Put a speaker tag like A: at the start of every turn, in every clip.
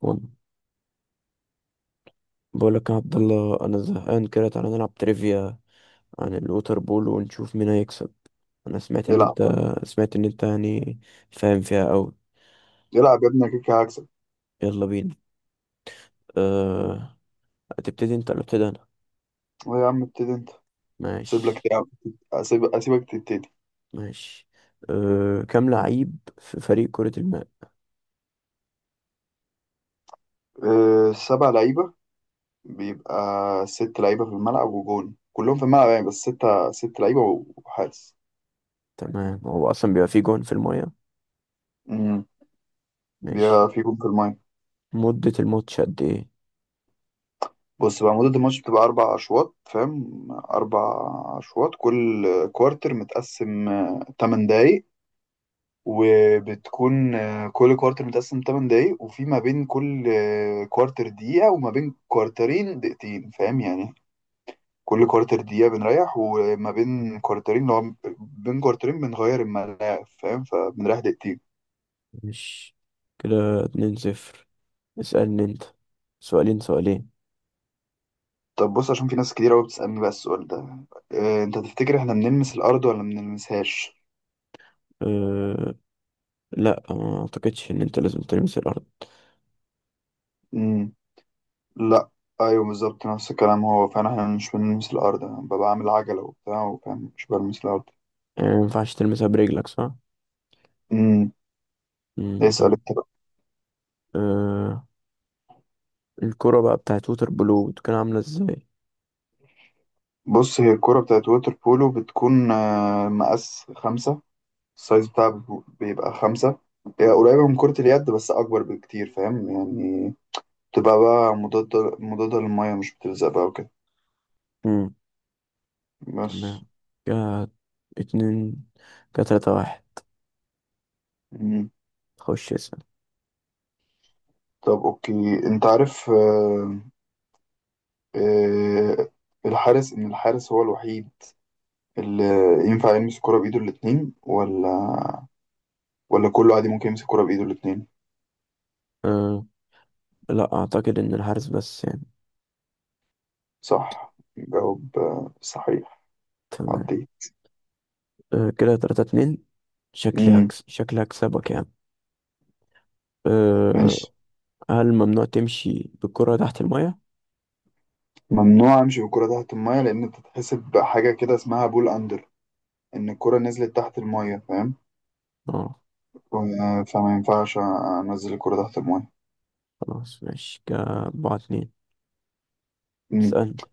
A: وال- بقول لك يا عبد الله، انا زهقان كده. تعالى نلعب تريفيا عن الوتر بول ونشوف مين هيكسب. انا سمعت ان
B: العب
A: انت،
B: بقى.
A: سمعت ان انت يعني فاهم فيها قوي.
B: العب يا ابني، أنا كده كده هكسب.
A: يلا بينا. أه... هتبتدي انت ولا ابتدي انا؟
B: أه يا عم، ابتدي انت. اسيب لك
A: ماشي.
B: تلعب، اسيبك تبتدي.
A: ماشي. كام لعيب في فريق كرة الماء؟
B: أه، سبع لعيبه. بيبقى ست لعيبه في الملعب وجون كلهم في الملعب، يعني بس ست لعيبه وحارس.
A: تمام، هو اصلا بيبقى فيه جون في المايه.
B: امم.
A: ماشي.
B: بيبقى في جون في المايه.
A: مدة الماتش قد ايه؟
B: بص بقى، مدة الماتش بتبقى أربع أشواط، فاهم؟ أربع أشواط، كل كوارتر متقسم 8 دقايق، وبتكون كل كوارتر متقسم 8 دقايق، وفي ما بين كل كوارتر دقيقة، وما بين كوارترين دقيقتين، فاهم يعني؟ كل كوارتر دقيقة بنريح، وما بين كوارترين، لو بين كوارترين بنغير الملاعب، فاهم؟ فبنريح دقيقتين.
A: ماشي، كده 2 0. اسألني انت، سؤالين سؤالين.
B: طب بص، عشان في ناس كتير قوي بتسألني بقى السؤال ده: انت تفتكر احنا بنلمس الأرض ولا ما بنلمسهاش؟
A: أه... لا آه، ما اعتقدش ان انت لازم تلمس الارض.
B: مم. لا. ايوه بالظبط نفس الكلام، هو فعلا احنا مش بنلمس الأرض، انا ببقى عامل عجلة وبتاع وفاهم مش بلمس الأرض.
A: يعني ما ينفعش تلمسها برجلك، صح؟
B: امم.
A: امم،
B: اسأل.
A: تمام. آه، الكرة بقى بتاعت ووتر بلو بتكون عاملة ازاي؟
B: بص، هي الكرة بتاعت ووتر بولو بتكون مقاس خمسة. السايز بتاعها بيبقى خمسة. هي قريبة من كرة اليد بس أكبر بكتير، فاهم يعني؟ بتبقى بقى مضادة مضادة للمية، مش بتلزق بقى وكده.
A: امم،
B: بس.
A: تمام. كده اتنين، كده تلاتة واحد.
B: مم.
A: خش اسأل.
B: طب أوكي، أنت عارف آه، إن الحارس هو الوحيد اللي ينفع يمسك الكرة بإيده الاتنين، ولا كله عادي ممكن يمسك الكرة بإيده الاتنين؟
A: آه، لا اعتقد ان الحارس بس يعني.
B: صح، جواب صحيح.
A: تمام.
B: عدي.
A: آه، كده تلاتة اتنين.
B: مم.
A: شكلي هكسبك يعني. أه.
B: ماشي،
A: هل ممنوع تمشي بالكرة تحت المية؟
B: ممنوع امشي بالكرة تحت المية لان بتتحسب حاجة كده اسمها بول اندر، ان الكرة نزلت تحت المية، فاهم؟
A: اه.
B: فما ينفعش انزل الكرة تحت المية.
A: خلاص ماشي، كده أربعة اتنين.
B: مم.
A: اسألني.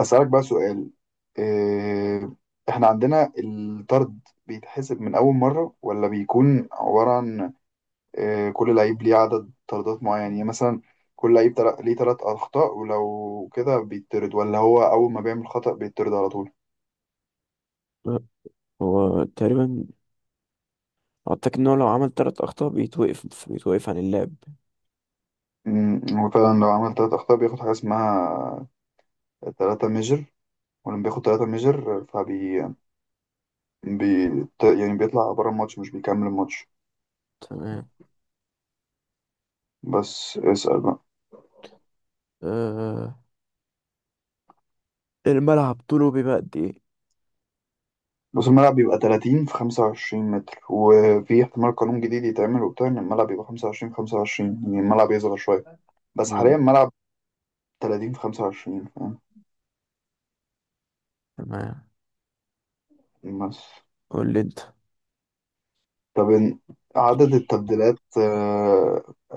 B: اسألك بقى سؤال: إيه، احنا عندنا الطرد بيتحسب من اول مرة، ولا بيكون عبارة عن كل لعيب ليه عدد طردات معين؟ يعني مثلا كل لعيب ليه ثلاث اخطاء ولو كده بيتطرد، ولا هو اول ما بيعمل خطأ بيتطرد على طول؟
A: أه، هو تقريبا واتاك ان هو لو عمل تلات اخطاء بيتوقف عن اللعب.
B: هو فعلا لو عمل ثلاث أخطاء بياخد حاجة اسمها تلاتة ميجر، ولما بياخد تلاتة ميجر بي... يعني بيطلع بره الماتش، مش بيكمل الماتش.
A: تمام.
B: بس اسأل بقى.
A: أه... الملعب طوله بيبقى قد ايه؟
B: بس الملعب بيبقى 30 في 25 متر، وفي احتمال قانون جديد يتعمل وبتاع ان الملعب يبقى 25 في 25، يعني الملعب يصغر شوية. بس حاليا
A: مم.
B: الملعب 30 في 25، فاهم؟
A: تمام.
B: بس.
A: قول لي انت.
B: طب عدد التبديلات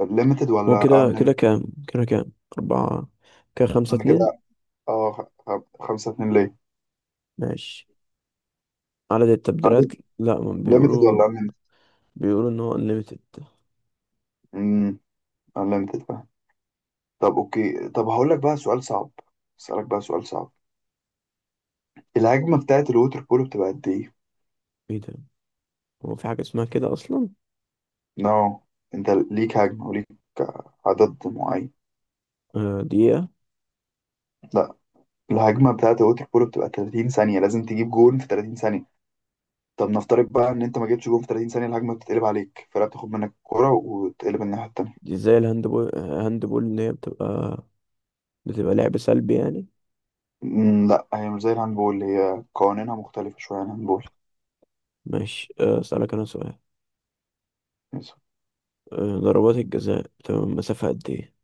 B: ليميتد
A: هو
B: ولا
A: كده
B: unlimited؟
A: كده كام كده كام؟ أربعة. كده خمسة
B: انا
A: اتنين.
B: كده، اه خ- 5-2 ليه؟
A: ماشي، عدد التبديلات. لا، ما
B: ليميتد
A: بيقولوا،
B: ولا unlimited؟
A: بيقولوا ان هو unlimited.
B: امم. unlimited. طب اوكي، طب هقول لك بقى سؤال صعب، اسالك بقى سؤال صعب. الهجمه بتاعت الووتر بولو بتبقى قد ايه؟
A: ايه ده، هو في حاجة اسمها كده اصلا؟
B: نو، انت ليك هجمه وليك عدد معين.
A: دقيقة.
B: لا، الهجمه بتاعت الووتر بولو بتبقى 30 ثانيه، لازم تجيب جون في 30 ثانيه. طب نفترض بقى ان انت ما جبتش جون في 30 ثانيه، الهجمه بتتقلب عليك، الفرقه بتاخد منك الكوره وتقلب الناحيه التانيه.
A: دي زي الهاندبول، هاندبول اللي هي بتبقى بتبقى لعب سلبي يعني.
B: مم، لا هي مش زي الهاندبول، هي قوانينها مختلفه شويه عن الهاندبول.
A: ماشي. آه، اسألك انا سؤال.
B: بس.
A: آه، ضربات الجزاء بتبقى من مسافة قد ايه؟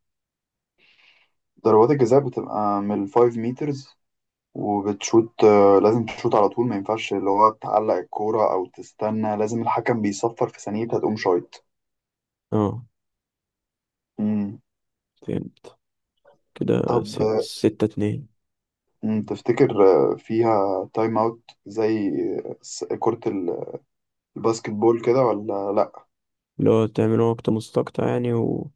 B: ضربات الجزاء بتبقى من ال 5 متر، وبتشوت لازم تشوت على طول، ما ينفعش اللي هو تعلق الكورة أو تستنى، لازم الحكم بيصفر في ثانيتها تقوم شايط.
A: اه،
B: مم.
A: فهمت. كده
B: طب
A: ستة اتنين.
B: تفتكر فيها تايم أوت زي كرة الباسكت بول كده ولا لأ؟
A: اللي هو تعملوا وقت مستقطع يعني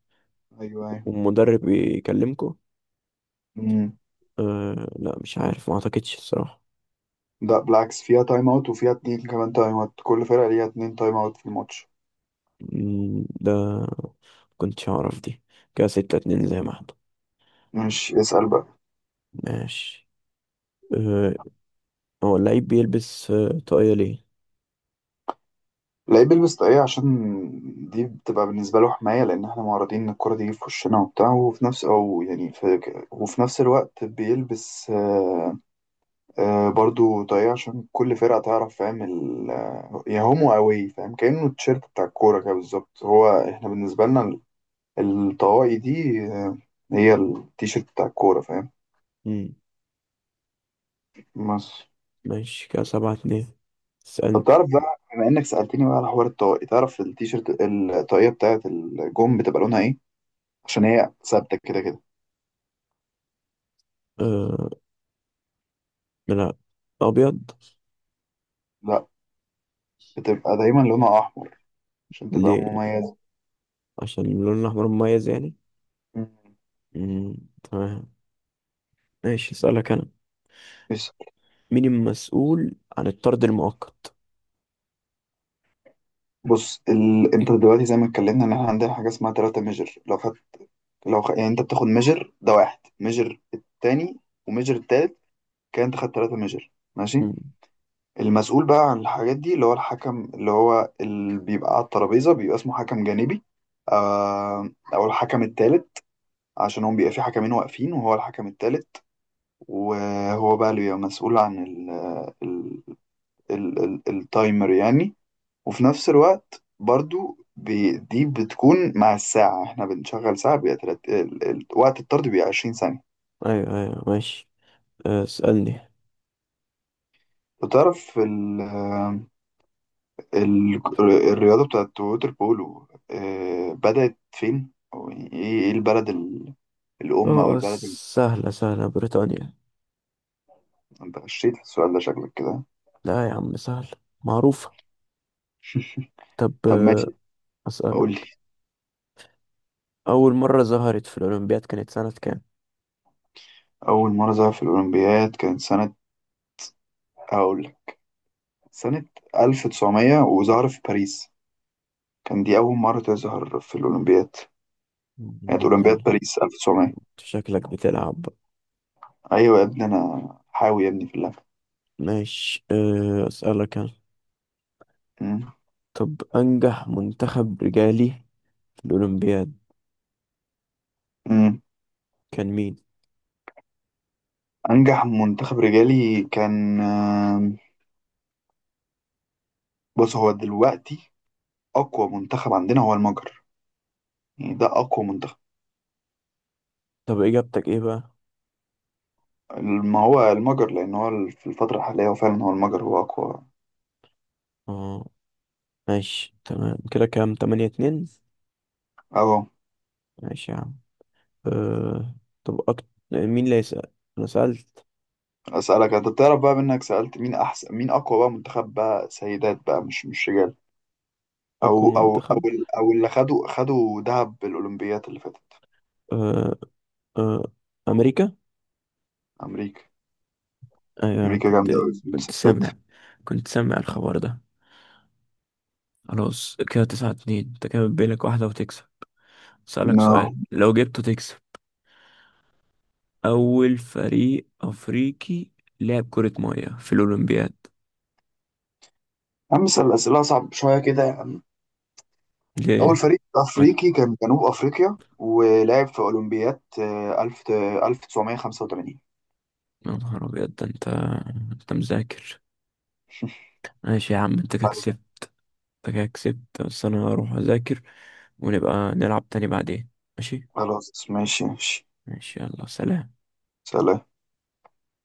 B: أيوه أيوه.
A: والمدرب يكلمكوا؟
B: مم.
A: أه لا، مش عارف، ما اعتقدش الصراحة.
B: لا بالعكس، فيها تايم أوت، وفيها اتنين كمان تايم أوت، كل فرقة ليها اتنين تايم أوت في الماتش.
A: مم، ده كنتش اعرف دي. كده ستة اتنين زي ما احنا.
B: ماشي، اسأل بقى.
A: ماشي. أه، هو اللعيب بيلبس أه طاقية ليه؟
B: اللعيب بيلبس طاقية عشان دي بتبقى بالنسبة له حماية، لأن احنا معرضين إن الكرة تيجي في وشنا وبتاع، وفي نفس أو يعني في وفي نفس الوقت بيلبس برضو طاقية عشان كل فرقة تعرف، فاهم يا هومو أوي، فاهم؟ كأنه التيشيرت بتاع الكورة كده بالظبط، هو احنا بالنسبة لنا الطواقي دي هي التيشيرت بتاع الكورة، فاهم؟
A: مم.
B: بس.
A: ماشي، كده سبعة اتنين. اسأل.
B: طب تعرف بقى، بما إنك سألتني بقى على حوار الطواقي، تعرف الطاقية بتاعت الجون بتبقى لونها إيه؟ عشان هي ثابتة كده كده.
A: أه، لا، أبيض.
B: لا، بتبقى دايما لونها احمر عشان تبقى
A: ليه؟
B: مميزه.
A: عشان اللون الأحمر مميز يعني.
B: مم.
A: مم. تمام. ماشي، اسألك أنا.
B: بس.
A: مين المسؤول عن الطرد المؤقت؟
B: بص انت دلوقتي زي ما اتكلمنا ان احنا عندنا حاجه اسمها تلاتة ميجر، لو خد... لو خ... يعني انت بتاخد ميجر ده واحد، ميجر التاني، وميجر التالت، كان انت خدت تلاتة ميجر، ماشي.
A: مم.
B: المسؤول بقى عن الحاجات دي اللي هو الحكم اللي هو اللي بيبقى على الترابيزه، بيبقى اسمه حكم جانبي او الحكم التالت، عشان هم بيبقى في حكمين واقفين وهو الحكم التالت، وهو بقى اللي بيبقى مسؤول عن ال... التايمر يعني. وفي نفس الوقت برضو دي بتكون مع الساعة، احنا بنشغل ساعة، بيبقى وقت الطرد بيبقى 20 ثانية.
A: أيوه أيوه، ماشي. أه، اسألني.
B: وتعرف ال الرياضة بتاعت ووتر بولو بدأت فين؟ أو يعني إيه البلد الأم أو
A: اه،
B: البلد؟
A: سهلة سهلة، بريطانيا.
B: انت غشيت في السؤال ده شكلك كده.
A: لا يا عم، سهلة، معروفة. طب
B: طب ماشي.
A: أه،
B: قول لي.
A: أسألك. أول مرة ظهرت في الأولمبياد كانت سنة كام؟
B: أول مرة ظهر في الأولمبياد كانت سنة، أقول لك، سنة 1900، وظهر في باريس، كان دي أول مرة تظهر في الأولمبياد،
A: مم،
B: كانت
A: يا ابن،
B: أولمبياد باريس 1900.
A: شكلك بتلعب.
B: أيوة يا ابني، أنا حاوي يا ابني في اللعبة.
A: ماشي. أه، أسألك أنا.
B: مم.
A: طب، أنجح منتخب رجالي في الأولمبياد
B: مم.
A: كان مين؟
B: أنجح منتخب رجالي كان. بص هو دلوقتي أقوى منتخب عندنا هو المجر، يعني ده أقوى منتخب.
A: طب إجابتك إيه بقى؟
B: ما هو المجر، لأن هو في الفترة الحالية هو فعلا هو المجر هو أقوى.
A: اه، ماشي تمام. كده كام، تمانية اتنين؟
B: أهو.
A: ماشي يا عم. أه. طب مين اللي هيسأل؟ أنا سألت.
B: أسألك أنت، بتعرف بقى منك سألت مين أحسن، مين أقوى بقى منتخب بقى سيدات بقى، مش رجال؟
A: أقوى منتخب.
B: أو اللي خدوا دهب بالأولمبياد اللي فاتت؟
A: أه. أه، أمريكا؟
B: أمريكا.
A: أيوة، أنا
B: أمريكا
A: كنت،
B: جامدة أوي في
A: كنت
B: الستات.
A: سامع، كنت سامع الخبر ده. خلاص، كده تسعة اتنين. أنت كده بيلك واحدة وتكسب. أسألك
B: نا
A: سؤال لو جبته تكسب. أول فريق أفريقي لعب كرة مية في الأولمبياد.
B: يا عم، اسأل أسئلة أصعب شوية كده يا عم. أول
A: ليه؟
B: فريق
A: ما-
B: أفريقي كان جنوب أفريقيا، ولعب في أولمبياد 1985.
A: يا نهار أبيض، ده أنت، أنت مذاكر. ماشي يا عم، أنت كده كسبت. بس أنا هروح أذاكر، ونبقى نلعب تاني بعدين، ماشي؟
B: خلاص، ماشي ماشي.
A: ماشي، يلا سلام.
B: سلام.